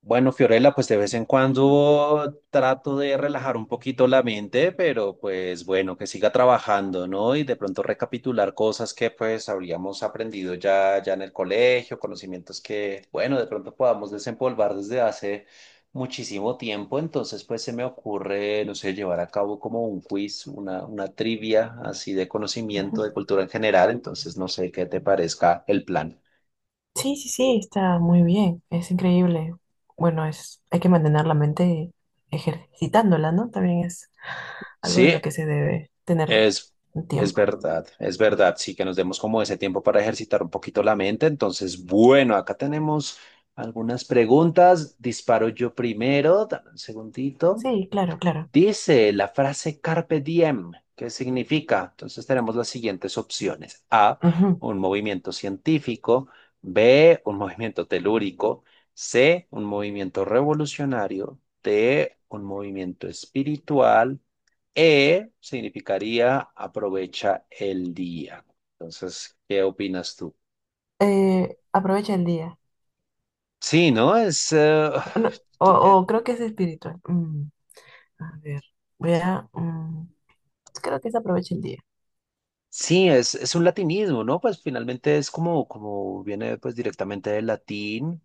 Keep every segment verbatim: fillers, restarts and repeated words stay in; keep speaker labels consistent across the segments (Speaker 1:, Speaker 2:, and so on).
Speaker 1: Bueno, Fiorella, pues de vez en cuando trato de relajar un poquito la mente, pero pues bueno, que siga trabajando, ¿no? Y de pronto recapitular cosas que pues habríamos aprendido ya, ya en el colegio, conocimientos que, bueno, de pronto podamos desempolvar desde hace muchísimo tiempo. Entonces, pues se me ocurre, no sé, llevar a cabo como un quiz, una, una trivia así de conocimiento de cultura en general. Entonces, no sé qué te parezca el plan.
Speaker 2: Sí, sí, sí, está muy bien, es increíble. Bueno, es, hay que mantener la mente ejercitándola, ¿no? También es algo en
Speaker 1: Sí.
Speaker 2: lo que se debe tener
Speaker 1: Es,
Speaker 2: un
Speaker 1: es
Speaker 2: tiempo.
Speaker 1: verdad, es verdad, sí, que nos demos como ese tiempo para ejercitar un poquito la mente. Entonces, bueno, acá tenemos algunas preguntas. Disparo yo primero, dame un segundito.
Speaker 2: Sí, claro, claro.
Speaker 1: Dice la frase carpe diem, ¿qué significa? Entonces tenemos las siguientes opciones. A,
Speaker 2: Ujú.
Speaker 1: un movimiento científico. B, un movimiento telúrico. C, un movimiento revolucionario. D, un movimiento espiritual. E, significaría aprovecha el día. Entonces, ¿qué opinas tú?
Speaker 2: Eh, aprovecha el día.
Speaker 1: Sí, ¿no? Es, eh,
Speaker 2: No, o, o creo que es espiritual. Mm, a ver, voy a... mm, creo que es aprovecha el día.
Speaker 1: sí, es, es un latinismo, ¿no? Pues finalmente es como, como viene pues directamente del latín,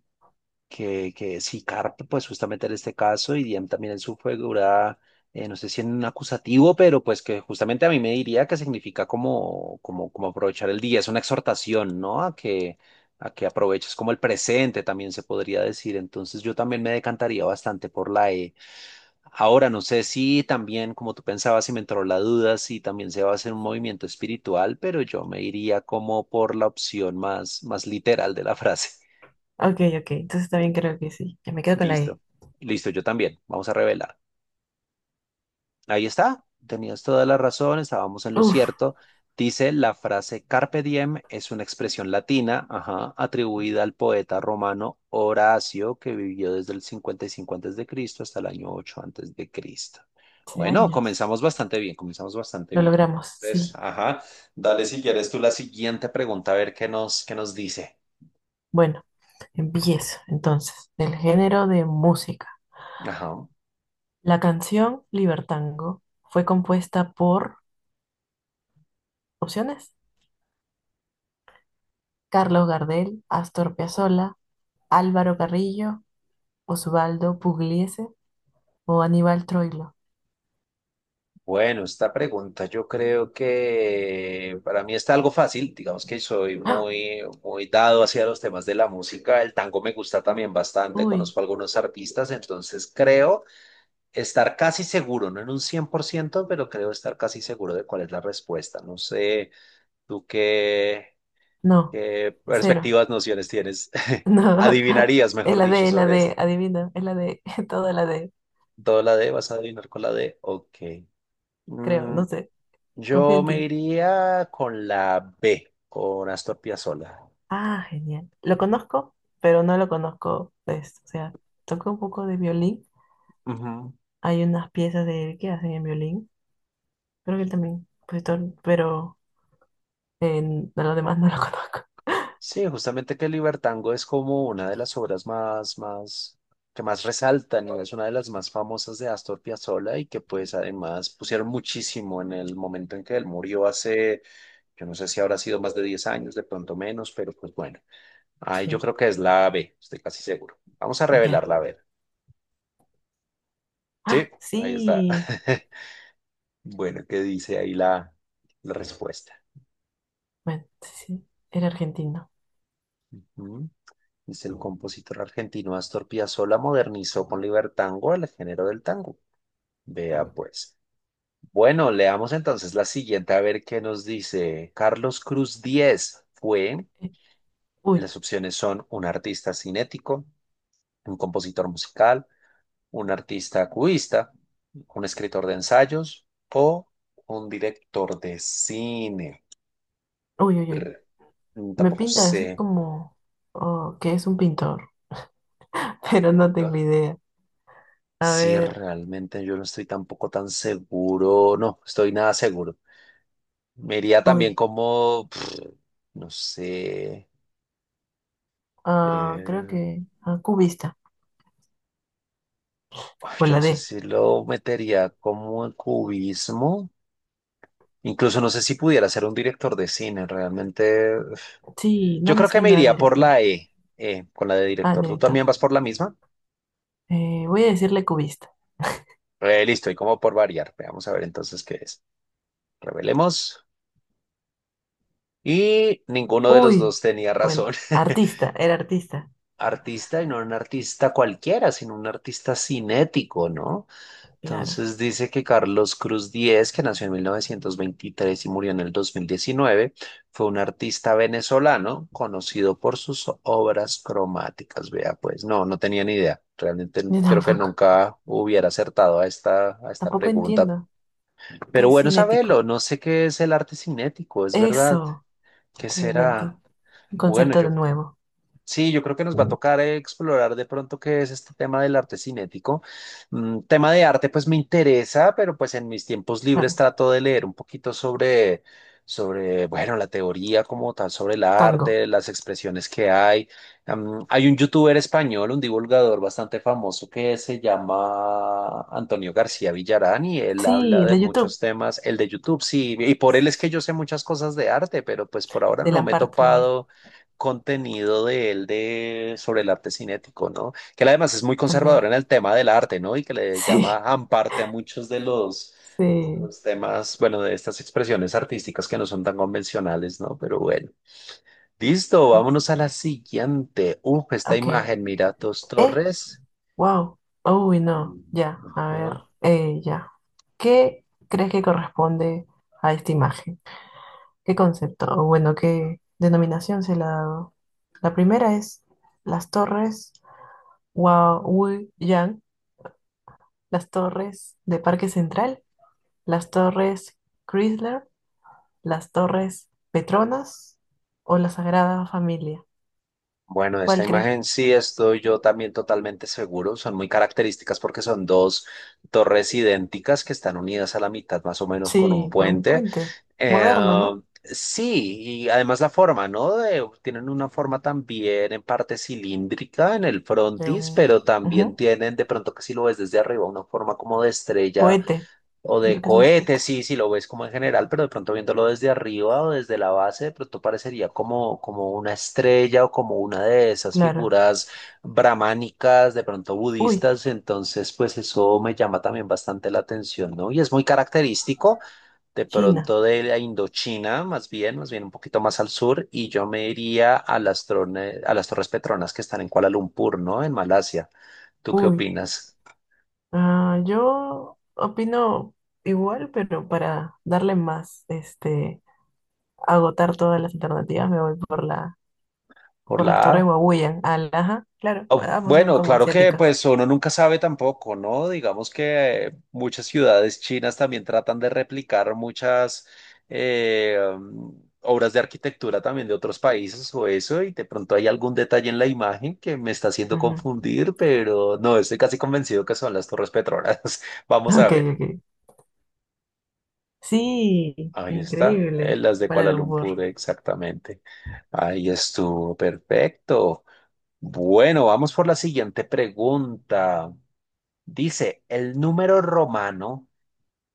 Speaker 1: que, que sí, carpe, pues justamente en este caso, y diem también en su figura, eh, no sé si en un acusativo, pero pues que justamente a mí me diría que significa como, como, como aprovechar el día, es una exhortación, ¿no? A que, a que aproveches como el presente, también se podría decir. Entonces yo también me decantaría bastante por la E. Ahora, no sé si también, como tú pensabas, y me entró la duda, si también se va a hacer un movimiento espiritual, pero yo me iría como por la opción más, más literal de la frase.
Speaker 2: Ok, ok, entonces también creo que sí. Ya me quedo con la E.
Speaker 1: Listo. Listo, yo también. Vamos a revelar. Ahí está, tenías toda la razón, estábamos en lo
Speaker 2: Uf,
Speaker 1: cierto. Dice la frase carpe diem es una expresión latina, ajá, atribuida al poeta romano Horacio, que vivió desde el cincuenta y cinco antes de Cristo hasta el año ocho antes de Cristo.
Speaker 2: hace
Speaker 1: Bueno,
Speaker 2: años.
Speaker 1: comenzamos bastante bien, comenzamos bastante
Speaker 2: Lo
Speaker 1: bien.
Speaker 2: logramos,
Speaker 1: Entonces,
Speaker 2: sí.
Speaker 1: ajá, dale si quieres tú la siguiente pregunta a ver qué nos qué nos dice.
Speaker 2: Bueno, empiezo entonces. Del género de música.
Speaker 1: Ajá.
Speaker 2: La canción Libertango fue compuesta por opciones Carlos Gardel, Astor Piazzolla, Álvaro Carrillo, Osvaldo Pugliese o Aníbal Troilo.
Speaker 1: Bueno, esta pregunta yo creo que para mí está algo fácil, digamos que soy
Speaker 2: ¡Ah!
Speaker 1: muy, muy dado hacia los temas de la música, el tango me gusta también bastante,
Speaker 2: Uy,
Speaker 1: conozco algunos artistas, entonces creo estar casi seguro, no en un cien por ciento, pero creo estar casi seguro de cuál es la respuesta. No sé, tú qué,
Speaker 2: no,
Speaker 1: qué
Speaker 2: cero.
Speaker 1: perspectivas, nociones tienes,
Speaker 2: No,
Speaker 1: adivinarías,
Speaker 2: es
Speaker 1: mejor
Speaker 2: la
Speaker 1: dicho,
Speaker 2: D, es la
Speaker 1: sobre
Speaker 2: D,
Speaker 1: esto.
Speaker 2: adivina, es la D, toda la D,
Speaker 1: ¿Todo la D? ¿Vas a adivinar con la D? Ok.
Speaker 2: creo,
Speaker 1: Mm,
Speaker 2: no sé, confío
Speaker 1: Yo
Speaker 2: en
Speaker 1: me
Speaker 2: ti.
Speaker 1: iría con la B, con Astor Piazzolla.
Speaker 2: Ah, genial. Lo conozco, pero no lo conozco, pues, o sea, toco un poco de violín.
Speaker 1: Ujú.
Speaker 2: Hay unas piezas de él que hacen en violín, creo que él también, compositor, pero en, a lo demás no lo conozco.
Speaker 1: Sí, justamente que el Libertango es como una de las obras más, más, que más resaltan y es una de las más famosas de Astor Piazzolla y que pues además pusieron muchísimo en el momento en que él murió hace, yo no sé si habrá sido más de diez años, de pronto menos, pero pues bueno, ahí yo
Speaker 2: Sí,
Speaker 1: creo que es la B, estoy casi seguro. Vamos a
Speaker 2: ya.
Speaker 1: revelarla, a ver. Sí,
Speaker 2: Ah,
Speaker 1: ahí está.
Speaker 2: sí.
Speaker 1: Bueno, ¿qué dice ahí la, la respuesta?
Speaker 2: Bueno, sí, sí. Era argentino.
Speaker 1: Ujú. Dice el compositor argentino Astor Piazzolla modernizó con libertango el género del tango. Vea pues. Bueno, leamos entonces la siguiente a ver qué nos dice. Carlos Cruz Díez fue,
Speaker 2: Eh, Uy,
Speaker 1: las opciones son un artista cinético, un compositor musical, un artista cubista, un escritor de ensayos o un director de cine.
Speaker 2: uy, uy, uy.
Speaker 1: Brr,
Speaker 2: Me
Speaker 1: Tampoco
Speaker 2: pinta así
Speaker 1: sé.
Speaker 2: como oh, que es un pintor, pero no tengo idea. A
Speaker 1: Sí,
Speaker 2: ver,
Speaker 1: realmente yo no estoy tampoco tan seguro, no, estoy nada seguro. Me iría también
Speaker 2: uy.
Speaker 1: como, pff, no sé,
Speaker 2: Ah, creo
Speaker 1: eh,
Speaker 2: que ah, cubista.
Speaker 1: ay,
Speaker 2: O
Speaker 1: yo
Speaker 2: la
Speaker 1: no sé
Speaker 2: D.
Speaker 1: si lo metería como en cubismo, incluso no sé si pudiera ser un director de cine, realmente.
Speaker 2: Sí, no
Speaker 1: Yo
Speaker 2: me
Speaker 1: creo que me
Speaker 2: suena a
Speaker 1: iría por
Speaker 2: director.
Speaker 1: la E, eh, con la de
Speaker 2: Ah,
Speaker 1: director. ¿Tú también
Speaker 2: director.
Speaker 1: vas por la misma?
Speaker 2: Eh, voy a decirle cubista.
Speaker 1: Eh, listo, y como por variar, veamos a ver entonces qué es. Revelemos. Y ninguno de los
Speaker 2: Uy,
Speaker 1: dos tenía razón.
Speaker 2: bueno, artista, era artista.
Speaker 1: Artista y no un artista cualquiera, sino un artista cinético, ¿no?
Speaker 2: Claro.
Speaker 1: Entonces dice que Carlos Cruz Diez, que nació en mil novecientos veintitrés y murió en el dos mil diecinueve, fue un artista venezolano conocido por sus obras cromáticas. Vea, pues no, no tenía ni idea. Realmente n-
Speaker 2: Yo
Speaker 1: creo que
Speaker 2: tampoco.
Speaker 1: nunca hubiera acertado a esta, a esta
Speaker 2: Tampoco
Speaker 1: pregunta.
Speaker 2: entiendo. ¿Qué
Speaker 1: Pero
Speaker 2: es
Speaker 1: bueno, sabelo,
Speaker 2: cinético?
Speaker 1: no sé qué es el arte cinético, es verdad.
Speaker 2: Eso.
Speaker 1: ¿Qué
Speaker 2: Que no
Speaker 1: será?
Speaker 2: entiendo. Un
Speaker 1: Bueno,
Speaker 2: concepto de
Speaker 1: yo,
Speaker 2: nuevo.
Speaker 1: sí, yo creo que nos va a tocar eh, explorar de pronto qué es este tema del arte cinético. Mm, tema de arte, pues me interesa, pero pues en mis tiempos libres
Speaker 2: Claro.
Speaker 1: trato de leer un poquito sobre, sobre, bueno, la teoría como tal, sobre el
Speaker 2: Tango.
Speaker 1: arte, las expresiones que hay. Am, hay un youtuber español, un divulgador bastante famoso que se llama Antonio García Villarán y él
Speaker 2: Sí,
Speaker 1: habla
Speaker 2: el
Speaker 1: de
Speaker 2: de YouTube.
Speaker 1: muchos temas, el de YouTube, sí, y por él es que yo sé muchas cosas de arte, pero pues por ahora
Speaker 2: De
Speaker 1: no me he
Speaker 2: Lamparte también.
Speaker 1: topado contenido de él de, sobre el arte cinético, ¿no? Que él además es muy conservador
Speaker 2: También.
Speaker 1: en el tema del arte, ¿no? Y que le llama
Speaker 2: Sí,
Speaker 1: amparte a muchos de los,
Speaker 2: sí.
Speaker 1: los temas, bueno, de estas expresiones artísticas que no son tan convencionales, ¿no? Pero bueno. Listo, vámonos a la siguiente. Uf, esta
Speaker 2: Ok.
Speaker 1: imagen, mira, dos
Speaker 2: Eh,
Speaker 1: torres.
Speaker 2: wow. Uy, no. Ya, a ver.
Speaker 1: Ajá.
Speaker 2: Eh, ya. ¿Qué crees que corresponde a esta imagen? ¿Qué concepto? O bueno, ¿qué denominación se le ha dado? La primera es las torres Yang, las torres de Parque Central, las torres Chrysler, ¿las Torres Petronas o la Sagrada Familia?
Speaker 1: Bueno, esta
Speaker 2: ¿Cuál crees?
Speaker 1: imagen sí estoy yo también totalmente seguro. Son muy características porque son dos torres idénticas que están unidas a la mitad más o menos con un
Speaker 2: Sí, por un
Speaker 1: puente.
Speaker 2: puente
Speaker 1: Eh,
Speaker 2: moderno, ¿no?
Speaker 1: sí, y además la forma, ¿no? De- tienen una forma también en parte cilíndrica en el
Speaker 2: De
Speaker 1: frontis,
Speaker 2: un
Speaker 1: pero también
Speaker 2: ujú,
Speaker 1: tienen de pronto que si lo ves desde arriba, una forma como de estrella
Speaker 2: cohete.
Speaker 1: o de
Speaker 2: Siento que es un
Speaker 1: cohete,
Speaker 2: cohete.
Speaker 1: sí, si lo ves como en general, pero de pronto viéndolo desde arriba o desde la base, de pronto parecería como, como una estrella o como una de esas
Speaker 2: Claro.
Speaker 1: figuras brahmánicas, de pronto
Speaker 2: Uy,
Speaker 1: budistas, entonces pues eso me llama también bastante la atención, ¿no? Y es muy característico de
Speaker 2: China.
Speaker 1: pronto de la Indochina, más bien, más bien un poquito más al sur, y yo me iría a las, trone- a las Torres Petronas que están en Kuala Lumpur, ¿no? En Malasia. ¿Tú qué
Speaker 2: Uy.
Speaker 1: opinas?
Speaker 2: Ah, yo opino igual, pero para darle más, este, agotar todas las alternativas, me voy por la,
Speaker 1: ¿Por
Speaker 2: por las
Speaker 1: la
Speaker 2: Torres
Speaker 1: A?
Speaker 2: Huawei. Ajá, claro.
Speaker 1: Oh,
Speaker 2: Ambos son
Speaker 1: bueno,
Speaker 2: como
Speaker 1: claro que
Speaker 2: asiáticas.
Speaker 1: pues uno nunca sabe tampoco, ¿no? Digamos que muchas ciudades chinas también tratan de replicar muchas eh, um, obras de arquitectura también de otros países o eso, y de pronto hay algún detalle en la imagen que me está haciendo
Speaker 2: Ujú.
Speaker 1: confundir, pero no, estoy casi convencido que son las Torres Petronas. Vamos a
Speaker 2: Ok,
Speaker 1: ver.
Speaker 2: ok. Sí,
Speaker 1: Ahí está, eh,
Speaker 2: increíble.
Speaker 1: las de
Speaker 2: Kuala
Speaker 1: Kuala
Speaker 2: Lumpur.
Speaker 1: Lumpur, exactamente. Ahí estuvo, perfecto. Bueno, vamos por la siguiente pregunta. Dice, el número romano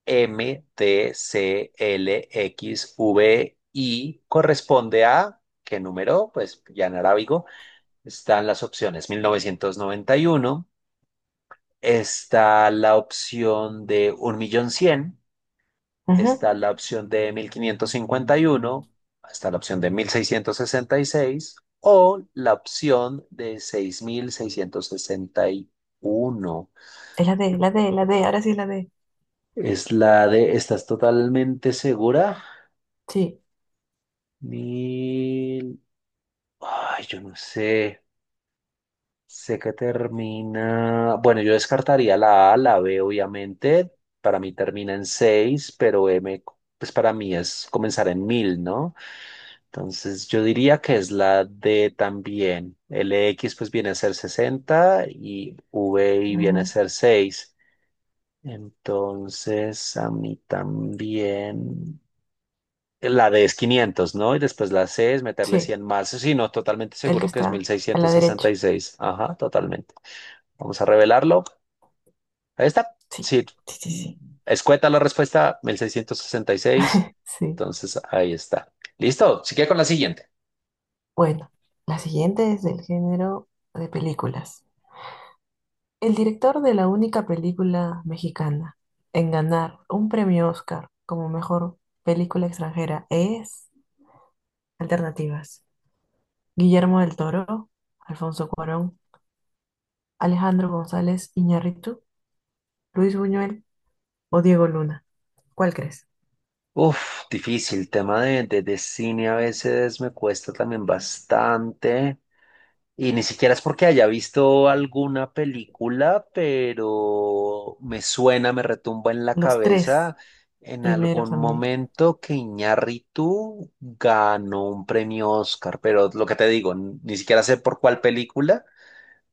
Speaker 1: eme te ce ele equis uve i corresponde a, ¿qué número? Pues ya en arábigo están las opciones. Mil novecientos noventa y uno, está la opción de un millón cien,
Speaker 2: Ujú,
Speaker 1: está la opción de mil quinientos cincuenta y uno, está la opción de mil seiscientos sesenta y seis, o la opción de seis mil seiscientos sesenta y uno.
Speaker 2: es la D, la D, la D, ahora sí es la D.
Speaker 1: Es la de, ¿estás totalmente segura?
Speaker 2: Sí,
Speaker 1: Mil. Ay, yo no sé. Sé que termina. Bueno, yo descartaría la A, la B, obviamente. Para mí termina en seis pero M, pues para mí es comenzar en mil, ¿no? Entonces yo diría que es la D también. X pues viene a ser sesenta y seis viene a
Speaker 2: ujú,
Speaker 1: ser seis. Entonces a mí también. La D es quinientos, ¿no? Y después la C es meterle
Speaker 2: sí,
Speaker 1: cien más. Sí, no, totalmente
Speaker 2: el que
Speaker 1: seguro que es mil
Speaker 2: está a la
Speaker 1: seiscientos sesenta y
Speaker 2: derecha.
Speaker 1: seis. Ajá, totalmente. Vamos a revelarlo. Ahí está.
Speaker 2: Sí,
Speaker 1: Sí,
Speaker 2: sí, sí, sí.
Speaker 1: escueta la respuesta, mil seiscientos sesenta y seis.
Speaker 2: Sí.
Speaker 1: Entonces, ahí está. Listo, sigue con la siguiente.
Speaker 2: Bueno, la siguiente es del género de películas. El director de la única película mexicana en ganar un premio Oscar como mejor película extranjera es. Alternativas. ¿Guillermo del Toro, Alfonso Cuarón, Alejandro González Iñárritu, Luis Buñuel o Diego Luna? ¿Cuál crees?
Speaker 1: Uf, difícil. Tema de, de, de cine a veces me cuesta también bastante. Y ni siquiera es porque haya visto alguna película, pero me suena, me retumba en la
Speaker 2: Los tres
Speaker 1: cabeza en algún
Speaker 2: primeros a mí.
Speaker 1: momento que Iñárritu ganó un premio Oscar, pero lo que te digo, n- ni siquiera sé por cuál película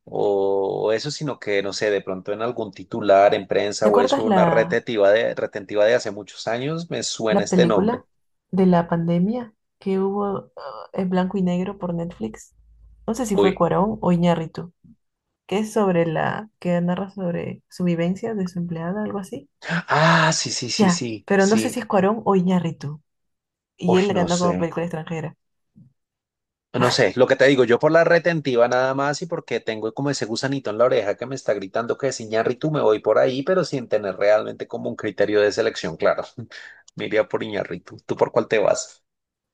Speaker 1: o eso, sino que no sé, de pronto en algún titular, en prensa
Speaker 2: ¿Te
Speaker 1: o eso,
Speaker 2: acuerdas
Speaker 1: una
Speaker 2: la,
Speaker 1: retentiva de, retentiva de hace muchos años, me suena
Speaker 2: la
Speaker 1: este nombre.
Speaker 2: película de la pandemia que hubo ah, en blanco y negro por Netflix? No sé si fue
Speaker 1: Uy,
Speaker 2: Cuarón o Iñárritu, que es sobre la, que narra sobre su vivencia de su empleada, algo así.
Speaker 1: ah, sí, sí, sí,
Speaker 2: Ya,
Speaker 1: sí,
Speaker 2: pero no sé si
Speaker 1: sí.
Speaker 2: es Cuarón o Iñárritu. Y
Speaker 1: Uy,
Speaker 2: él le
Speaker 1: no
Speaker 2: ganó como
Speaker 1: sé.
Speaker 2: película extranjera.
Speaker 1: No sé, lo que te digo, yo por la retentiva nada más y porque tengo como ese gusanito en la oreja que me está gritando que es Iñárritu, me voy por ahí, pero sin tener realmente como un criterio de selección claro. Me iría por Iñárritu. ¿Tú por cuál te vas?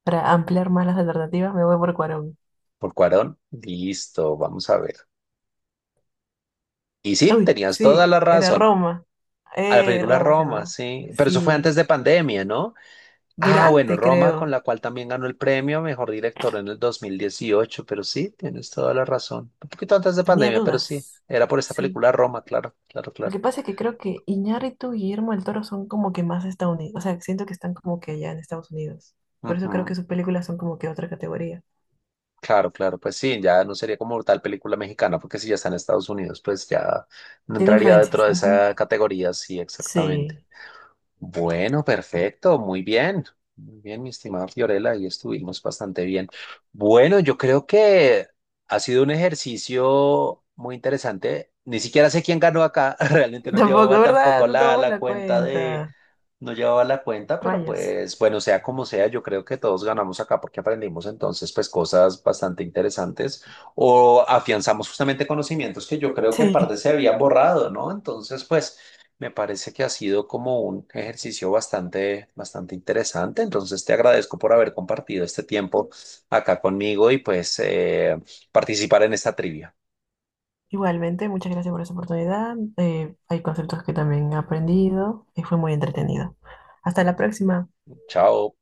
Speaker 2: Para ampliar más las alternativas, me voy por Cuarón.
Speaker 1: ¿Por Cuarón? Listo, vamos a ver. Y sí,
Speaker 2: Uy,
Speaker 1: tenías toda
Speaker 2: sí,
Speaker 1: la
Speaker 2: era
Speaker 1: razón.
Speaker 2: Roma.
Speaker 1: A la
Speaker 2: Eh,
Speaker 1: película
Speaker 2: Roma se
Speaker 1: Roma,
Speaker 2: llamaba.
Speaker 1: sí. Pero eso fue
Speaker 2: Sí.
Speaker 1: antes de pandemia, ¿no? Ah, bueno,
Speaker 2: Durante,
Speaker 1: Roma, con
Speaker 2: creo.
Speaker 1: la cual también ganó el premio a Mejor Director en el dos mil dieciocho, pero sí, tienes toda la razón. Un poquito antes de
Speaker 2: Tenía
Speaker 1: pandemia, pero sí,
Speaker 2: dudas.
Speaker 1: era por esta
Speaker 2: Sí.
Speaker 1: película Roma, claro, claro,
Speaker 2: Lo
Speaker 1: claro.
Speaker 2: que pasa es que creo que Iñárritu y Guillermo del Toro son como que más estadounidenses. O sea, siento que están como que allá en Estados Unidos. Por eso creo
Speaker 1: Ujú.
Speaker 2: que sus películas son como que otra categoría.
Speaker 1: Claro, claro, pues sí, ya no sería como tal película mexicana, porque si ya está en Estados Unidos, pues ya no
Speaker 2: Tiene
Speaker 1: entraría
Speaker 2: influencias.
Speaker 1: dentro de
Speaker 2: Ujú.
Speaker 1: esa categoría, sí, exactamente.
Speaker 2: Sí.
Speaker 1: Bueno, perfecto, muy bien. Muy bien, mi estimada Fiorella, ahí estuvimos bastante bien. Bueno, yo creo que ha sido un ejercicio muy interesante. Ni siquiera sé quién ganó acá, realmente no
Speaker 2: Tampoco,
Speaker 1: llevaba
Speaker 2: ¿verdad?
Speaker 1: tampoco
Speaker 2: No
Speaker 1: la,
Speaker 2: tomamos
Speaker 1: la
Speaker 2: la
Speaker 1: cuenta de,
Speaker 2: cuenta.
Speaker 1: no llevaba la cuenta, pero
Speaker 2: Rayos.
Speaker 1: pues bueno, sea como sea, yo creo que todos ganamos acá porque aprendimos entonces pues cosas bastante interesantes o afianzamos justamente conocimientos que yo creo que en parte
Speaker 2: Sí.
Speaker 1: se habían borrado, ¿no? Entonces, pues. Me parece que ha sido como un ejercicio bastante, bastante interesante. Entonces, te agradezco por haber compartido este tiempo acá conmigo y pues eh, participar en esta trivia.
Speaker 2: Igualmente, muchas gracias por esa oportunidad. Eh, hay conceptos que también he aprendido y fue muy entretenido. Hasta la próxima.
Speaker 1: Chao.